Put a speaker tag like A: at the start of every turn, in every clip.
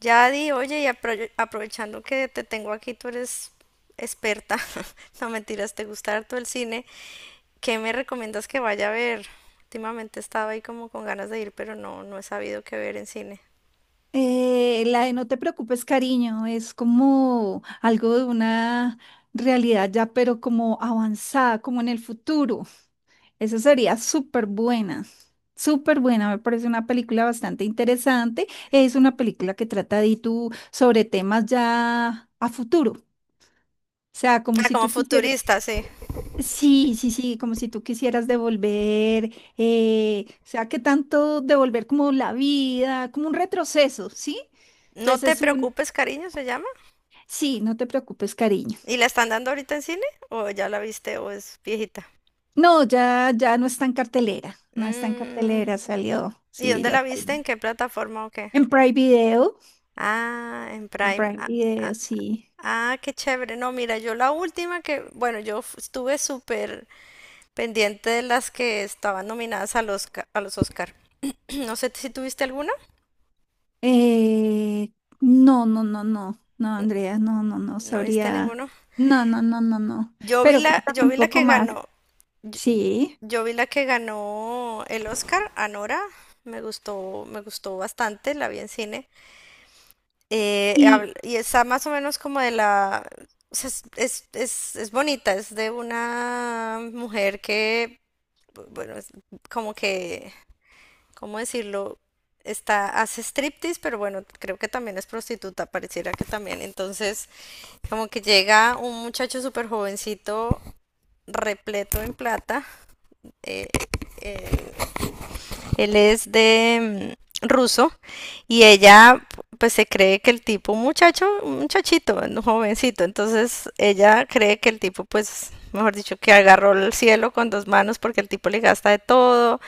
A: Yadi, oye, y aprovechando que te tengo aquí, tú eres experta, no mentiras, te gusta harto el cine, ¿qué me recomiendas que vaya a ver? Últimamente estaba ahí como con ganas de ir, pero no he sabido qué ver en cine.
B: La de no te preocupes, cariño, es como algo de una realidad ya, pero como avanzada, como en el futuro. Esa sería súper buena, súper buena. Me parece una película bastante interesante. Es una película que trata de tú sobre temas ya a futuro. O sea, como
A: Ah,
B: si
A: como
B: tú quisieras,
A: futurista, sí.
B: sí, sí, sí, como si tú quisieras devolver, o sea, que tanto devolver como la vida, como un retroceso, ¿sí?
A: No
B: Entonces
A: te
B: es un,
A: preocupes, cariño, se llama.
B: sí, no te preocupes, cariño.
A: ¿Y la están dando ahorita en cine? ¿O ya la viste o es viejita?
B: No, ya no está en cartelera, no está en cartelera,
A: Mm,
B: salió,
A: ¿y
B: sí,
A: dónde
B: ya
A: la viste?
B: salió.
A: ¿En qué plataforma o qué?
B: En Prime Video,
A: Ah, en
B: en
A: Prime.
B: Prime
A: Ah, ah,
B: Video, sí.
A: Ah, qué chévere. No, mira, yo la última que, bueno, estuve súper pendiente de las que estaban nominadas a los, a los Oscar. No sé si tuviste alguna.
B: Eh, no, no, no, no, no, Andrea, no, no, no,
A: No viste
B: sabría,
A: ninguno.
B: no, no, no, no, no. Pero cuéntame
A: Yo
B: un
A: vi la
B: poco
A: que
B: más,
A: ganó. Yo,
B: sí.
A: yo vi la que ganó el Oscar, Anora. Me gustó bastante, la vi en cine.
B: Y,
A: Y está más o menos como de la... O sea, es bonita, es de una mujer que, bueno, es como que ¿cómo decirlo? Está, hace striptease, pero bueno, creo que también es prostituta, pareciera que también. Entonces, como que llega un muchacho súper jovencito, repleto en plata. eh, eh, Él es de ruso y ella pues se cree que el tipo, un muchacho, un muchachito, un jovencito, entonces ella cree que el tipo pues, mejor dicho, que agarró el cielo con dos manos porque el tipo le gasta de todo,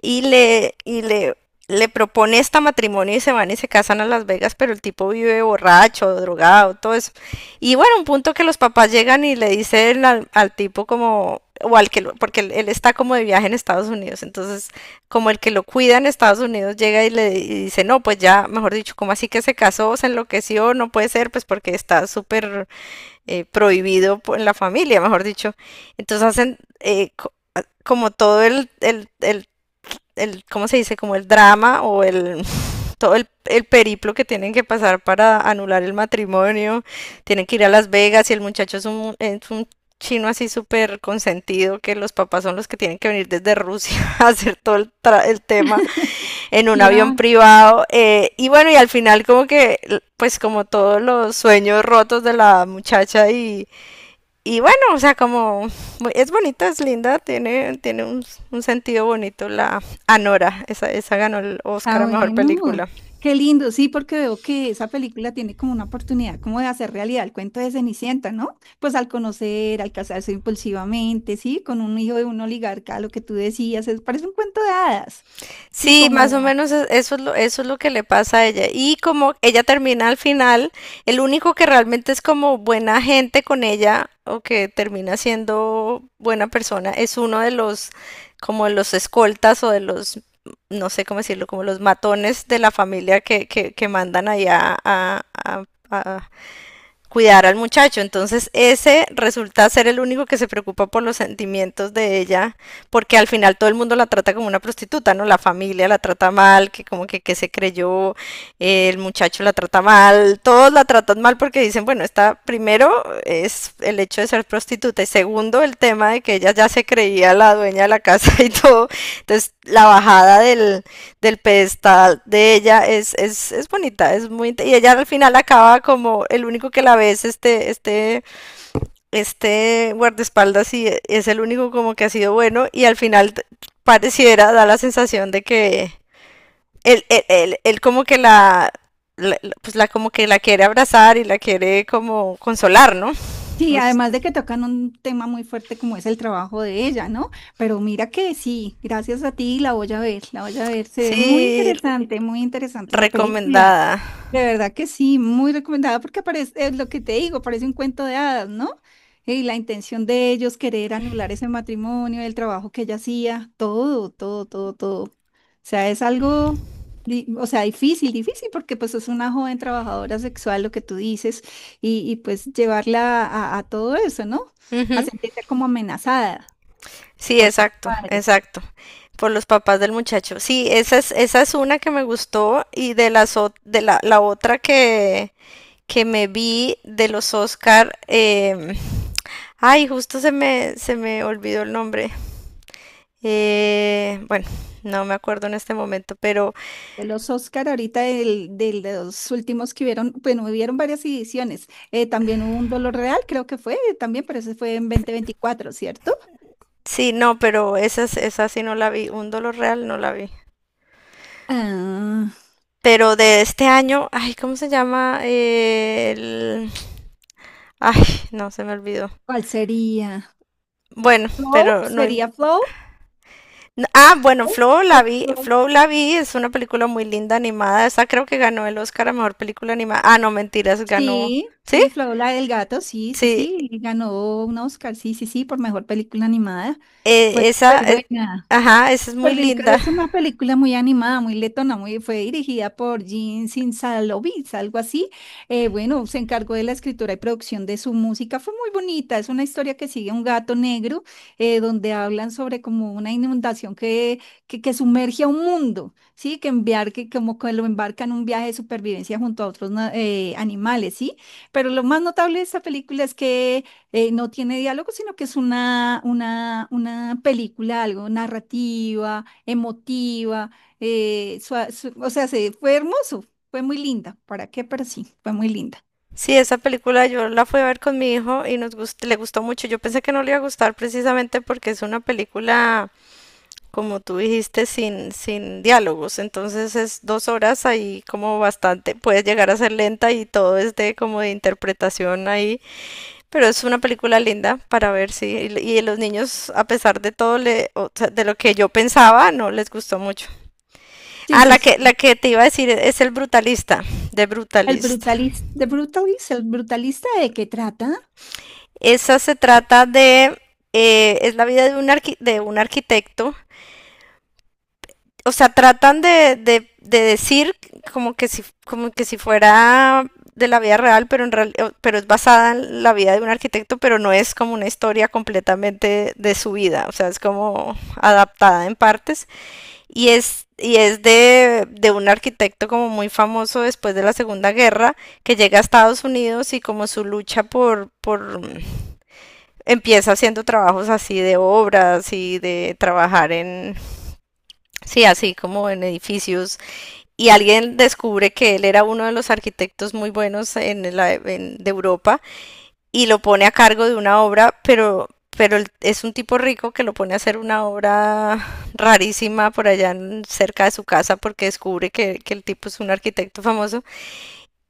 A: y le, y le, le propone esta matrimonio y se van y se casan a Las Vegas, pero el tipo vive borracho, drogado, todo eso. Y bueno, un punto que los papás llegan y le dicen al, al tipo como, o al que, porque él está como de viaje en Estados Unidos, entonces como el que lo cuida en Estados Unidos llega y y dice, no, pues ya, mejor dicho, como así que se casó, se enloqueció, no puede ser, pues porque está súper prohibido en la familia, mejor dicho. Entonces hacen como todo el, ¿cómo se dice? Como el drama o el, todo el periplo que tienen que pasar para anular el matrimonio. Tienen que ir a Las Vegas y el muchacho es un chino así súper consentido, que los papás son los que tienen que venir desde Rusia a hacer todo el, el tema en un avión
B: claro.
A: privado. Y bueno, y al final como que, pues como todos los sueños rotos de la muchacha y bueno, o sea, como es bonita, es linda, tiene un sentido bonito la Anora, esa ganó el
B: Ah,
A: Oscar a Mejor
B: bueno,
A: Película.
B: qué lindo, sí, porque veo que esa película tiene como una oportunidad como de hacer realidad el cuento de Cenicienta, ¿no? Pues al conocer, al casarse impulsivamente, sí, con un hijo de un oligarca, lo que tú decías, es, parece un cuento de hadas, sí,
A: Sí, más o
B: como,
A: menos eso es lo que le pasa a ella. Y como ella termina al final, el único que realmente es como buena gente con ella o que termina siendo buena persona es uno de los, como de los escoltas o de los no sé cómo decirlo, como los matones de la familia que mandan allá a cuidar al muchacho. Entonces ese resulta ser el único que se preocupa por los sentimientos de ella, porque al final todo el mundo la trata como una prostituta, ¿no? La familia la trata mal, que como que se creyó, el muchacho la trata mal, todos la tratan mal porque dicen, bueno, está primero es el hecho de ser prostituta y segundo el tema de que ella ya se creía la dueña de la casa y todo. Entonces la bajada del pedestal de ella es bonita, es muy y ella al final acaba como el único que la ve es este guardaespaldas y es el único como que ha sido bueno y al final pareciera, da la sensación de que él como que la pues la como que la quiere abrazar y la quiere como consolar, ¿no?
B: sí,
A: Pues,
B: además de que tocan un tema muy fuerte como es el trabajo de ella, ¿no? Pero mira que sí, gracias a ti la voy a ver, la voy a ver, se ve
A: sí,
B: muy interesante esa película.
A: recomendada.
B: De verdad que sí, muy recomendada porque parece, es lo que te digo, parece un cuento de hadas, ¿no? Y la intención de ellos querer anular ese matrimonio, el trabajo que ella hacía, todo, todo, todo, todo. O sea, es algo, o sea, difícil, difícil porque pues es una joven trabajadora sexual, lo que tú dices, y, pues llevarla a todo eso, ¿no? A
A: Ujú.
B: sentirse como amenazada
A: Sí,
B: por sus
A: exacto,
B: padres.
A: exacto. Por los papás del muchacho. Sí, esa es una que me gustó y de las de la, la otra que me vi de los Oscar, ay, justo se me olvidó el nombre. Bueno, no me acuerdo en este momento, pero
B: De los Oscar, ahorita del- de los últimos que hubieron, bueno, hubieron varias ediciones. También hubo un Dolor Real, creo que fue también, pero ese fue en 2024, ¿cierto?
A: sí, no, pero esa, esa sí no la vi. Un dolor real no la vi.
B: Ah,
A: Pero de este año, ay, ¿cómo se llama? El... Ay, no, se me olvidó.
B: ¿cuál sería?
A: Bueno,
B: ¿Flow?
A: pero no
B: ¿Sería Flow?
A: Ah, bueno,
B: Flow, creo que Flow.
A: Flow la vi, es una película muy linda animada. Esa creo que ganó el Oscar a mejor película animada. Ah, no, mentiras, ganó.
B: Sí,
A: ¿Sí?
B: sí, Flow, la del gato, sí, sí,
A: Sí,
B: sí, y ganó un Oscar, sí, sí, sí, por mejor película animada. Fue
A: esa,
B: súper buena.
A: ajá, esa es muy
B: Perdidos
A: linda.
B: es una película muy animada, muy letona, muy, fue dirigida por Jean Sinsalovis, algo así. Bueno, se encargó de la escritura y producción de su música. Fue muy bonita, es una historia que sigue un gato negro, donde hablan sobre como una inundación que, que sumerge a un mundo, ¿sí? Que enviar, que como que lo embarca en un viaje de supervivencia junto a otros animales, ¿sí? Pero lo más notable de esta película es que no tiene diálogo, sino que es una, una película, algo narrativa, emotiva, o sea, se, fue hermoso, fue muy linda, ¿para qué? Pero sí, fue muy linda.
A: Sí, esa película yo la fui a ver con mi hijo y nos le gustó mucho. Yo pensé que no le iba a gustar precisamente porque es una película, como tú dijiste, sin diálogos. Entonces es dos horas ahí como bastante, puede llegar a ser lenta y todo es de como de interpretación ahí. Pero es una película linda para ver, sí. Y los niños, a pesar de todo, le, o sea, de lo que yo pensaba, no les gustó mucho.
B: Sí,
A: Ah,
B: sí,
A: la
B: sí.
A: que te iba a decir es El Brutalista, de
B: El
A: Brutalist.
B: brutalista, ¿de brutalista? ¿El brutalista de qué trata?
A: Esa se trata de... es la vida de un, de un arquitecto o sea, tratan de decir como que si fuera de la vida real, pero en pero es basada en la vida de un arquitecto, pero no es como una historia completamente de su vida, o sea, es como adaptada en partes y es de un arquitecto como muy famoso después de la Segunda Guerra que llega a Estados Unidos y como su lucha por mm, empieza haciendo trabajos así de obras y de trabajar en sí, así como en edificios y alguien descubre que él era uno de los arquitectos muy buenos en la, en, de Europa y lo pone a cargo de una obra, pero es un tipo rico que lo pone a hacer una obra rarísima por allá en, cerca de su casa porque descubre que, el tipo es un arquitecto famoso.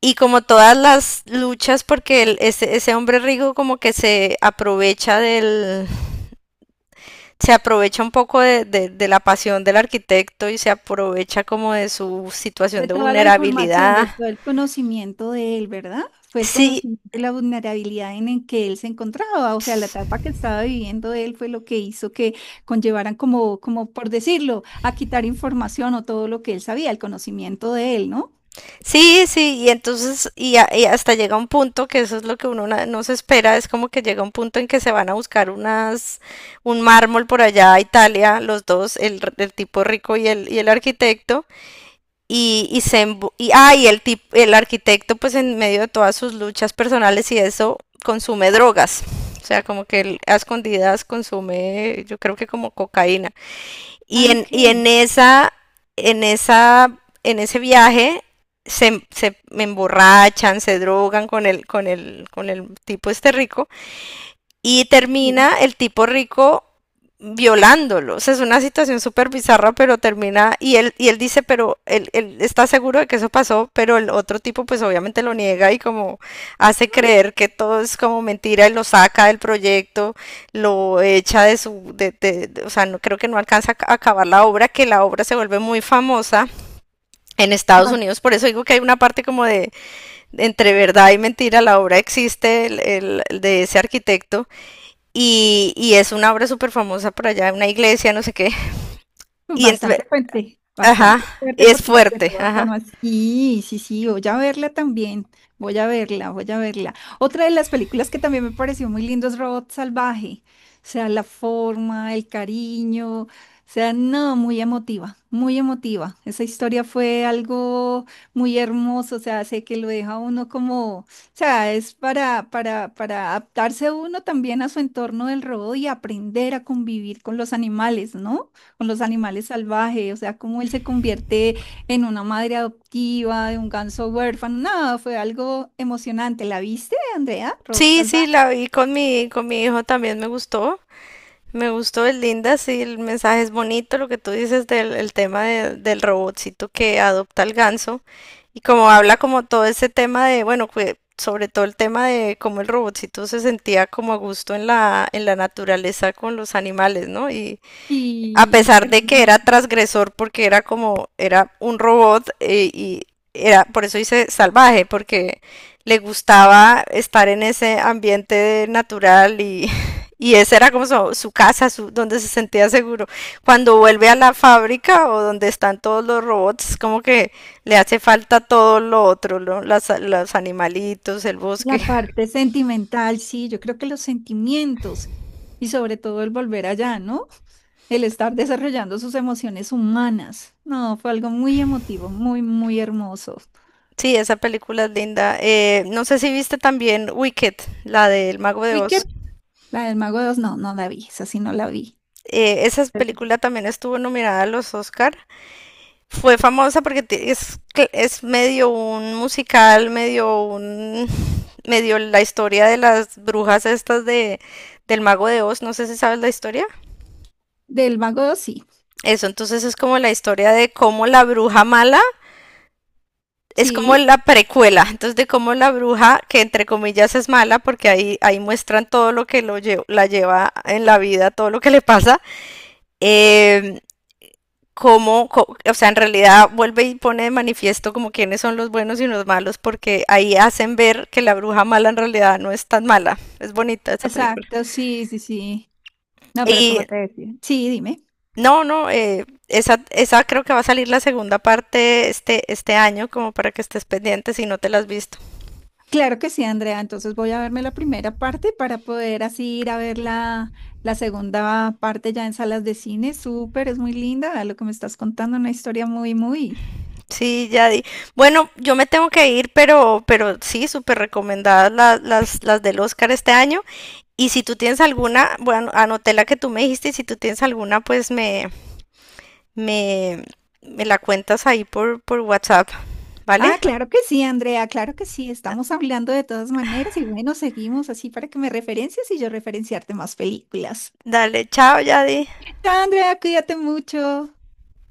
A: Y como todas las luchas, porque el, ese, hombre rico como que se aprovecha del... Se aprovecha un poco de la pasión del arquitecto y se aprovecha como de su situación
B: De
A: de
B: toda la información, de
A: vulnerabilidad.
B: todo el conocimiento de él, ¿verdad? Fue el
A: Sí,
B: conocimiento de la vulnerabilidad en el que él se encontraba, o sea, la etapa que estaba viviendo él fue lo que hizo que conllevaran como, como por decirlo, a quitar información o todo lo que él sabía, el conocimiento de él, ¿no?
A: sí, y entonces, y, y hasta llega un punto que eso es lo que uno no se espera, es como que llega un punto en que se van a buscar unas, un mármol por allá a Italia, los dos, el, el tipo rico y el arquitecto, y se, y, ah, y el el arquitecto pues en medio de todas sus luchas personales y eso, consume drogas, o sea, como que él a escondidas consume, yo creo que como cocaína.
B: Ah, ok.
A: Y en esa, en esa, en ese viaje se, se emborrachan, se drogan con el, con el, con el tipo este rico y
B: Sí.
A: termina el tipo rico violándolo. O sea, es una situación súper bizarra, pero termina, y él dice, pero él, está seguro de que eso pasó, pero el otro tipo pues obviamente lo niega y como hace creer que todo es como mentira y lo saca del proyecto, lo echa de su, o sea, no, creo que no alcanza a acabar la obra, que la obra se vuelve muy famosa en Estados Unidos, por eso digo que hay una parte como de entre verdad y mentira, la obra existe el, de ese arquitecto y es una obra súper famosa por allá, una iglesia, no sé qué. Y entonces, ajá,
B: Bastante fuerte
A: es
B: porque pues, de
A: fuerte,
B: todas
A: ajá.
B: formas, sí, sí, sí, voy a verla también, voy a verla, voy a verla. Otra de las películas que también me pareció muy lindo es Robot Salvaje, o sea, la forma, el cariño, o sea, no, muy emotiva, muy emotiva. Esa historia fue algo muy hermoso, o sea, sé que lo deja a uno como, o sea, es para, para adaptarse uno también a su entorno del robot y aprender a convivir con los animales, ¿no? Con los animales salvajes, o sea, cómo él se convierte en una madre adoptiva de un ganso huérfano. Nada, fue algo emocionante. ¿La viste, Andrea? Rod
A: Sí, sí,
B: salvaje.
A: la vi con mi hijo también me gustó. Me gustó, es linda, sí, el mensaje es bonito, lo que tú dices del el tema del robotcito que adopta el ganso y como habla como todo ese tema de, bueno, sobre todo el tema de cómo el robotcito se sentía como a gusto en la naturaleza con los animales, ¿no? Y, a
B: Sí,
A: pesar de que era
B: hermoso.
A: transgresor porque era como, era un robot y era, por eso dice salvaje, porque le gustaba estar en ese ambiente natural y, y esa era como su casa, su, donde se sentía seguro. Cuando vuelve a la fábrica o donde están todos los robots, como que le hace falta todo lo otro, ¿no? Los animalitos, el
B: La
A: bosque.
B: parte sentimental, sí, yo creo que los sentimientos y sobre todo el volver allá, ¿no? El estar desarrollando sus emociones humanas. No, fue algo muy emotivo, muy, muy hermoso.
A: Sí, esa película es linda. No sé si viste también Wicked, la del Mago de Oz.
B: Wicked, la del Mago dos, no, no la vi, esa sí no la vi.
A: Eh, esa película también estuvo nominada a los Oscar. Fue famosa porque es medio un musical, medio un, medio la historia de las brujas estas de, del Mago de Oz. No sé si sabes la historia.
B: Del Mago 2, sí.
A: Eso, entonces es como la historia de cómo la bruja mala es como
B: Sí,
A: la precuela. Entonces de cómo la bruja, que entre comillas es mala, porque ahí, ahí muestran todo lo que la lleva en la vida, todo lo que le pasa. Eh, como, o sea, en realidad vuelve y pone de manifiesto como quiénes son los buenos y los malos, porque ahí hacen ver que la bruja mala en realidad no es tan mala. Es bonita esa película.
B: exacto, sí, sí, sí. No, pero como
A: Y
B: te decía. Sí, dime.
A: no, esa, esa creo que va a salir la segunda parte este año, como para que estés pendiente si no te la has visto.
B: Claro que sí, Andrea. Entonces voy a verme la primera parte para poder así ir a ver la, la segunda parte ya en salas de cine. Súper, es muy linda lo que me estás contando, una historia muy, muy.
A: Sí, ya di. Bueno, yo me tengo que ir, pero sí, súper recomendadas las del Oscar este año. Y si tú tienes alguna, bueno, anoté la que tú me dijiste y si tú tienes alguna, pues me, me la cuentas ahí por WhatsApp, ¿vale?
B: Ah, claro que sí, Andrea, claro que sí. Estamos hablando de todas maneras y bueno, seguimos así para que me referencias y yo referenciarte más películas.
A: Dale, chao, Yadi.
B: Chao, Andrea, cuídate mucho.